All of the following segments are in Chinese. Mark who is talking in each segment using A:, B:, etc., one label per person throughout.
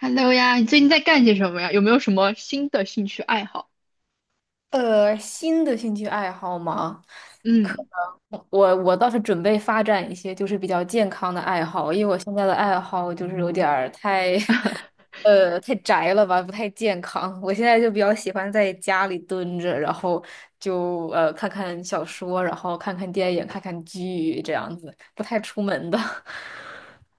A: Hello 呀，你最近在干些什么呀？有没有什么新的兴趣爱好？
B: 新的兴趣爱好吗？可
A: 嗯。
B: 能我倒是准备发展一些就是比较健康的爱好，因为我现在的爱好就是有点儿太 太宅了吧，不太健康。我现在就比较喜欢在家里蹲着，然后就看看小说，然后看看电影，看看剧这样子，不太出门的。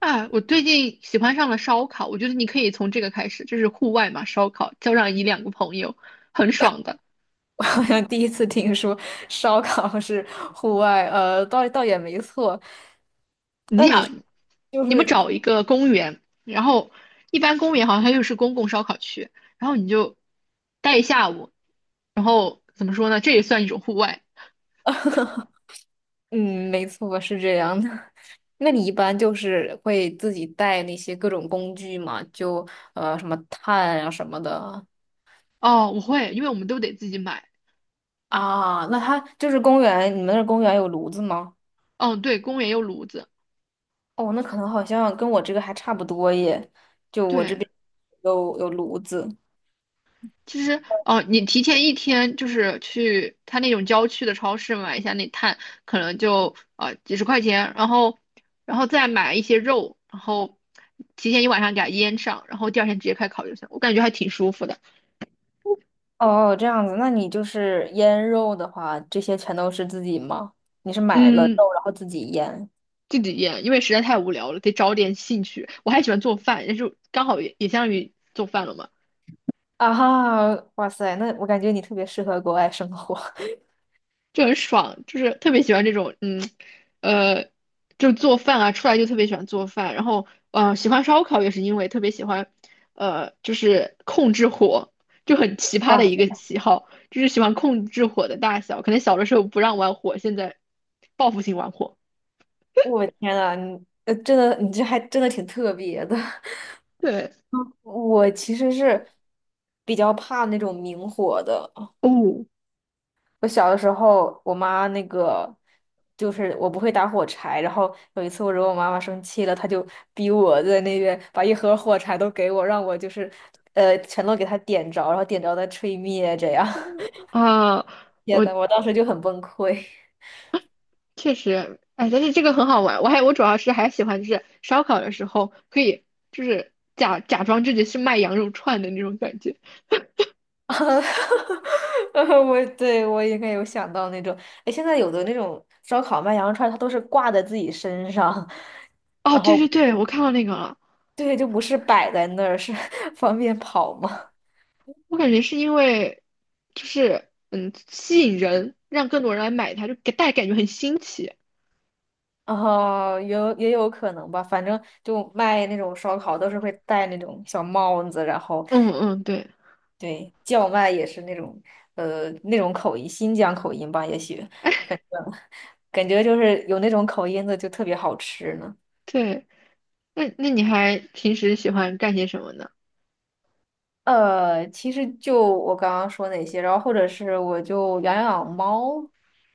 A: 啊，我最近喜欢上了烧烤，我觉得你可以从这个开始，就是户外嘛，烧烤，叫上一两个朋友，很爽的。
B: 我好像第一次听说烧烤是户外，倒也没错。
A: 你
B: 那你是
A: 想，
B: 就
A: 你们
B: 是
A: 找一个公园，然后一般公园好像它又是公共烧烤区，然后你就待一下午，然后怎么说呢？这也算一种户外。
B: 嗯，没错，是这样的。那你一般就是会自己带那些各种工具嘛？就什么炭啊什么的。
A: 哦，我会，因为我们都得自己买。
B: 啊，那它就是公园，你们那儿公园有炉子吗？
A: 嗯，对，公园有炉子。
B: 哦，那可能好像跟我这个还差不多耶。就我这
A: 对，
B: 边有炉子。
A: 其实，哦，你提前一天就是去他那种郊区的超市买一下那碳，可能就啊几十块钱，然后，然后再买一些肉，然后提前一晚上给它腌上，然后第二天直接开烤就行。我感觉还挺舒服的。
B: 哦，这样子，那你就是腌肉的话，这些全都是自己吗？你是买了
A: 嗯，
B: 肉然后自己腌？
A: 自己腌，因为实在太无聊了，得找点兴趣。我还喜欢做饭，但是刚好也相当于做饭了嘛。
B: 啊哈，哇塞，那我感觉你特别适合国外生活。
A: 就很爽，就是特别喜欢这种，嗯，呃，就做饭啊，出来就特别喜欢做饭，然后，嗯、喜欢烧烤也是因为特别喜欢，就是控制火，就很奇 葩的一
B: 哇。
A: 个喜好，就是喜欢控制火的大小，可能小的时候不让玩火，现在报复性玩火。
B: 我天呐，你，真的，你这还真的挺特别的。
A: 对。
B: 我其实是比较怕那种明火的。
A: 哦。
B: 我小的时候，我妈那个就是我不会打火柴，然后有一次我惹我妈妈生气了，她就逼我在那边把一盒火柴都给我，让我就是全都给她点着，然后点着再吹灭，这样。
A: 啊，
B: 天
A: 我
B: 呐，我当时就很崩溃。
A: 确实，哎，但是这个很好玩，我主要是还喜欢就是烧烤的时候可以就是假装自己是卖羊肉串的那种感觉。
B: 我对我应该有想到那种，哎，现在有的那种烧烤卖羊肉串儿它都是挂在自己身上，
A: 哦，
B: 然
A: 对对
B: 后
A: 对，我看到那个了。
B: 对，就不是摆在那儿，是 方便跑嘛。
A: 我感觉是因为，就是嗯，吸引人，让更多人来买它，就给大家感觉很新奇。
B: 哦，也有也有可能吧，反正就卖那种烧烤都是会戴那种小帽子，然后
A: 嗯嗯，对。
B: 对叫卖也是那种那种口音，新疆口音吧，也许，
A: 哎
B: 反 正感觉就是有那种口音的就特别好吃呢。
A: 对。那你还平时喜欢干些什么呢？
B: 其实就我刚刚说那些，然后或者是我就养养猫，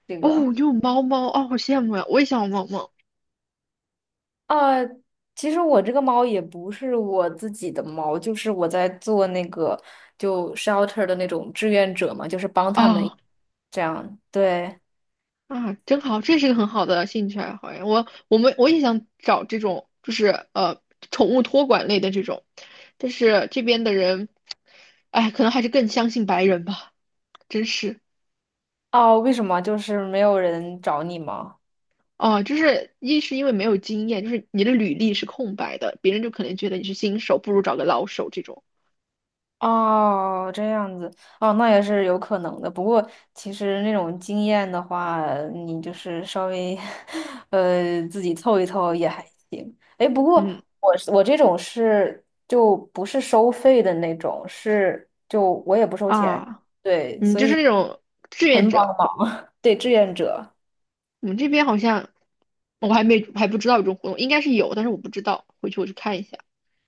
B: 这个
A: 哦，你有猫猫哦，好羡慕呀！我也想有猫猫。
B: 啊，其实我这个猫也不是我自己的猫，就是我在做那个就 shelter 的那种志愿者嘛，就是帮他们
A: 啊。
B: 这样。对，
A: 啊，真好，这是个很好的兴趣爱好呀。我也想找这种，就是呃，宠物托管类的这种，但是这边的人，哎，可能还是更相信白人吧，真是。
B: 哦，为什么就是没有人找你吗？
A: 哦，就是一是因为没有经验，就是你的履历是空白的，别人就可能觉得你是新手，不如找个老手这种。
B: 哦，这样子，哦，那也是有可能的。不过，其实那种经验的话，你就是稍微，自己凑一凑也还行。哎，不过
A: 嗯。
B: 我是我这种是就不是收费的那种，是就我也不收钱，
A: 啊，
B: 对，
A: 你
B: 所
A: 就是那
B: 以
A: 种志愿
B: 很帮
A: 者。
B: 忙，对，志愿者。
A: 我们这边好像我还不知道有这种活动，应该是有，但是我不知道，回去我去看一下。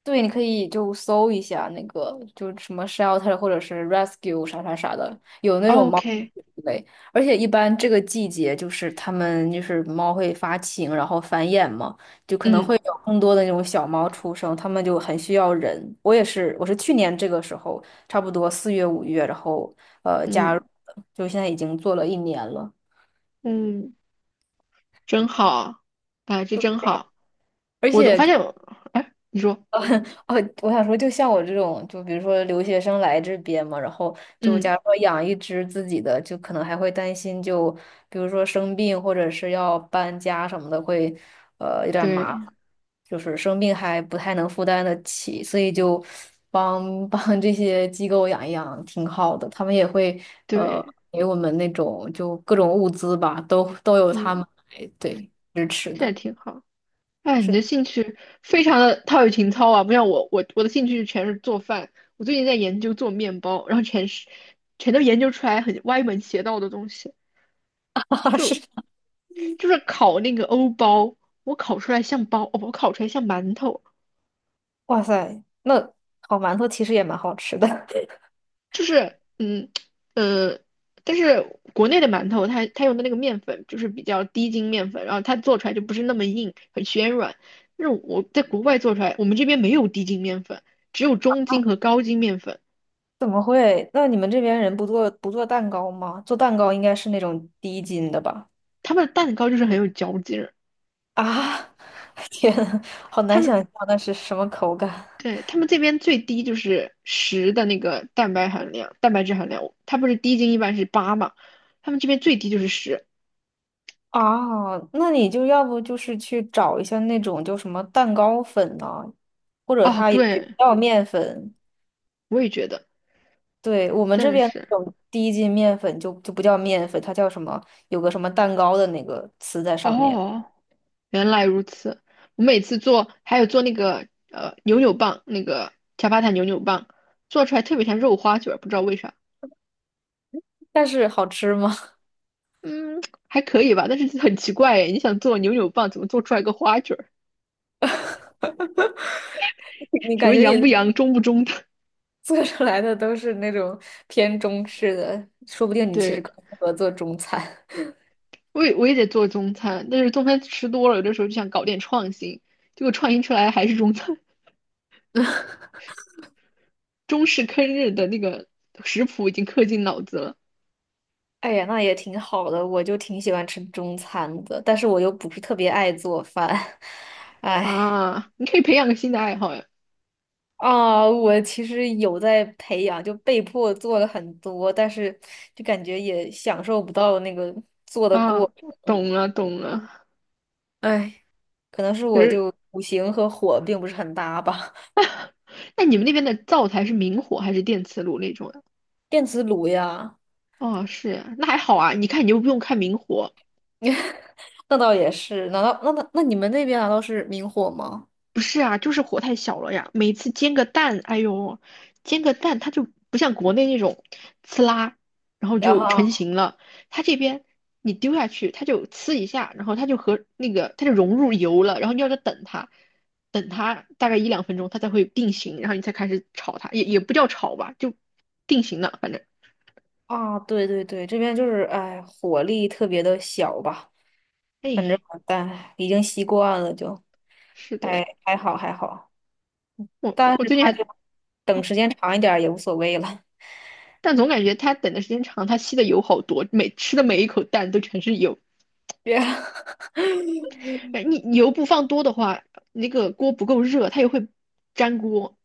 B: 对，你可以就搜一下那个，就什么 shelter 或者是 rescue 啥啥啥的，有那种猫
A: OK。
B: 类，而且一般这个季节就是它们就是猫会发情，然后繁衍嘛，就可能
A: 嗯
B: 会有更多的那种小猫出生，它们就很需要人。我也是，我是去年这个时候，差不多四月五月，然后加入
A: 嗯
B: 的，就现在已经做了一年了。
A: 嗯，真好，啊，这真好。
B: 而
A: 我
B: 且。
A: 发现我，哎，你说。
B: 哦，我想说，就像我这种，就比如说留学生来这边嘛，然后就
A: 嗯，
B: 假如说养一只自己的，就可能还会担心就，比如说生病或者是要搬家什么的，会有点麻烦，
A: 对
B: 就是生病还不太能负担得起，所以就帮 帮这些机构养一养挺好的，他们也会呃
A: 对。
B: 给我们那种就各种物资吧，都有他
A: 嗯，
B: 们来对支持
A: 这也
B: 的，
A: 挺好。哎，你
B: 是的，
A: 的兴趣非常的陶冶情操啊，不像我，我的兴趣全是做饭。我最近在研究做面包，然后全都研究出来很歪门邪道的东西，
B: 是。
A: 就是烤那个欧包，我烤出来像包，哦，我烤出来像馒头。
B: 哇塞，那烤馒头其实也蛮好吃的。
A: 嗯。呃，但是国内的馒头它用的那个面粉就是比较低筋面粉，然后它做出来就不是那么硬，很暄软。但是我在国外做出来，我们这边没有低筋面粉，只有中筋和高筋面粉。
B: 怎么会？那你们这边人不做蛋糕吗？做蛋糕应该是那种低筋的吧？
A: 他们的蛋糕就是很有嚼劲。
B: 啊，天呐，好
A: 他
B: 难
A: 们
B: 想象那是什么口感。
A: 对他们这边最低就是十的那个蛋白含量、蛋白质含量，它不是低筋一般是八嘛，他们这边最低就是十。
B: 啊！那你就要不就是去找一下那种叫什么蛋糕粉啊，或者
A: 哦，
B: 它也不
A: 对，
B: 叫面粉。
A: 我也觉得。
B: 对，我们
A: 真
B: 这
A: 的
B: 边
A: 是。
B: 那种低筋面粉就不叫面粉，它叫什么？有个什么蛋糕的那个词在上面，
A: 哦，原来如此。我每次做，还有做那个扭扭棒，那个恰巴塔扭扭棒，做出来特别像肉花卷儿不知道为啥。
B: 但是好吃吗？
A: 嗯，还可以吧，但是很奇怪哎，你想做扭扭棒，怎么做出来个花卷儿
B: 你
A: 什
B: 感
A: 么
B: 觉
A: 洋
B: 你
A: 不洋，中不中的？
B: 做出来的都是那种偏中式的，说不 定你其实
A: 对。
B: 更适合做中餐。
A: 我也得做中餐，但是中餐吃多了，有的时候就想搞点创新，结果创新出来还是中餐，中式坑日的那个食谱已经刻进脑子了。
B: 哎呀，那也挺好的，我就挺喜欢吃中餐的，但是我又不是特别爱做饭。哎，
A: 啊！你可以培养个新的爱好呀。
B: 啊，我其实有在培养，就被迫做了很多，但是就感觉也享受不到那个做的过
A: 啊！
B: 程。
A: 懂了懂了。
B: 哎，可能是
A: 可
B: 我
A: 是
B: 就五行和火并不是很搭吧。
A: 那你们那边的灶台是明火还是电磁炉那种呀？
B: 电磁炉呀。
A: 哦，是呀那还好啊，你看你又不用看明火。
B: 那倒也是，难道那你们那边难道是明火吗？
A: 不是啊，就是火太小了呀。每次煎个蛋，哎呦，煎个蛋它就不像国内那种呲啦，然后
B: 然
A: 就
B: 后
A: 成型了。它这边你丢下去，它就呲一下，然后它就和那个它就融入油了，然后你要再等它，等它大概一两分钟，它才会定型，然后你才开始炒它，也不叫炒吧，就定型了。反
B: 啊，对对对，这边就是哎，火力特别的小吧，反正
A: 哎，
B: 但已经习惯了就，
A: 是的，
B: 还还好还好，
A: 我
B: 但
A: 我我
B: 是
A: 最近还。
B: 他就等
A: 啊。
B: 时间长一点儿也无所谓了，
A: 但总感觉它等的时间长，它吸的油好多，每吃的每一口蛋都全是油。
B: 别
A: 哎，你油不放多的话，那个锅不够热，它也会粘锅。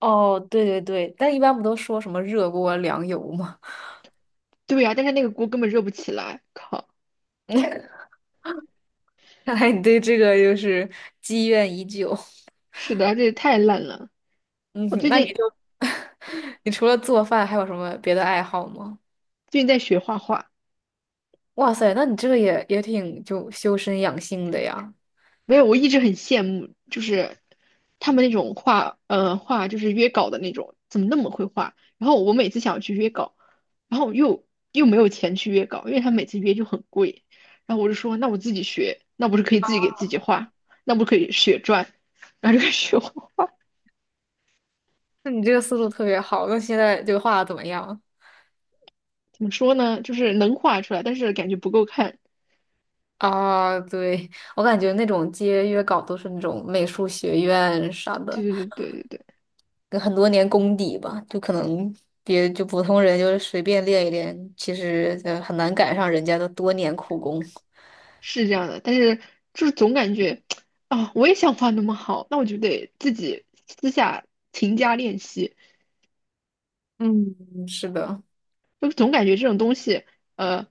B: 哦，对对对，但一般不都说什么热锅凉油吗？
A: 对呀、但是那个锅根本热不起来。靠，
B: 看来你对这个就是积怨已久，
A: 是的，这也太烂了。我
B: 嗯，
A: 最
B: 那你
A: 近
B: 就 你除了做饭还有什么别的爱好吗？
A: 最近在学画画。
B: 哇塞，那你这个也也挺就修身养性的呀。
A: 没有，我一直很羡慕，就是他们那种画，呃，画就是约稿的那种，怎么那么会画？然后我每次想要去约稿，然后又没有钱去约稿，因为他每次约就很贵。然后我就说，那我自己学，那不是可以自己给自己画，那不可以血赚，然后就开始学画。
B: 那你这个思路特别好。那现在这个画的怎么样？
A: 怎么说呢？就是能画出来，但是感觉不够看。
B: 啊，对，我感觉那种接约稿都是那种美术学院啥
A: 对
B: 的，
A: 对对对对对，
B: 跟很多年功底吧，就可能别就普通人就是随便练一练，其实很难赶上人家的多年苦功。
A: 是这样的。但是就是总感觉啊，我也想画那么好，那我就得自己私下勤加练习。
B: 嗯，是的。
A: 就总感觉这种东西，呃，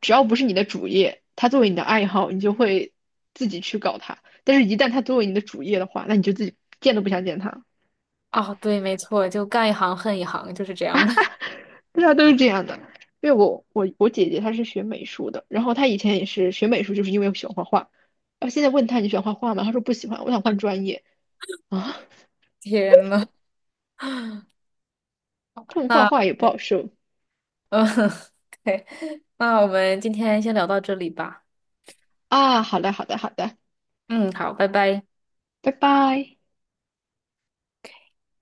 A: 只要不是你的主业，它作为你的爱好，你就会自己去搞它。但是，一旦它作为你的主业的话，那你就自己见都不想见它。
B: 啊，对，没错，就干一行恨一行，就是这样的。
A: 对啊，都是这样的。因为我姐姐她是学美术的，然后她以前也是学美术，就是因为我喜欢画画。然后现在问她你喜欢画画吗？她说不喜欢，我想换专业啊。
B: 天呐，
A: 但画画
B: 那。
A: 也不好受
B: 嗯，对，那我们今天先聊到这里吧。
A: 啊。好的，好的，好的，
B: 嗯，好，拜拜。
A: 拜拜。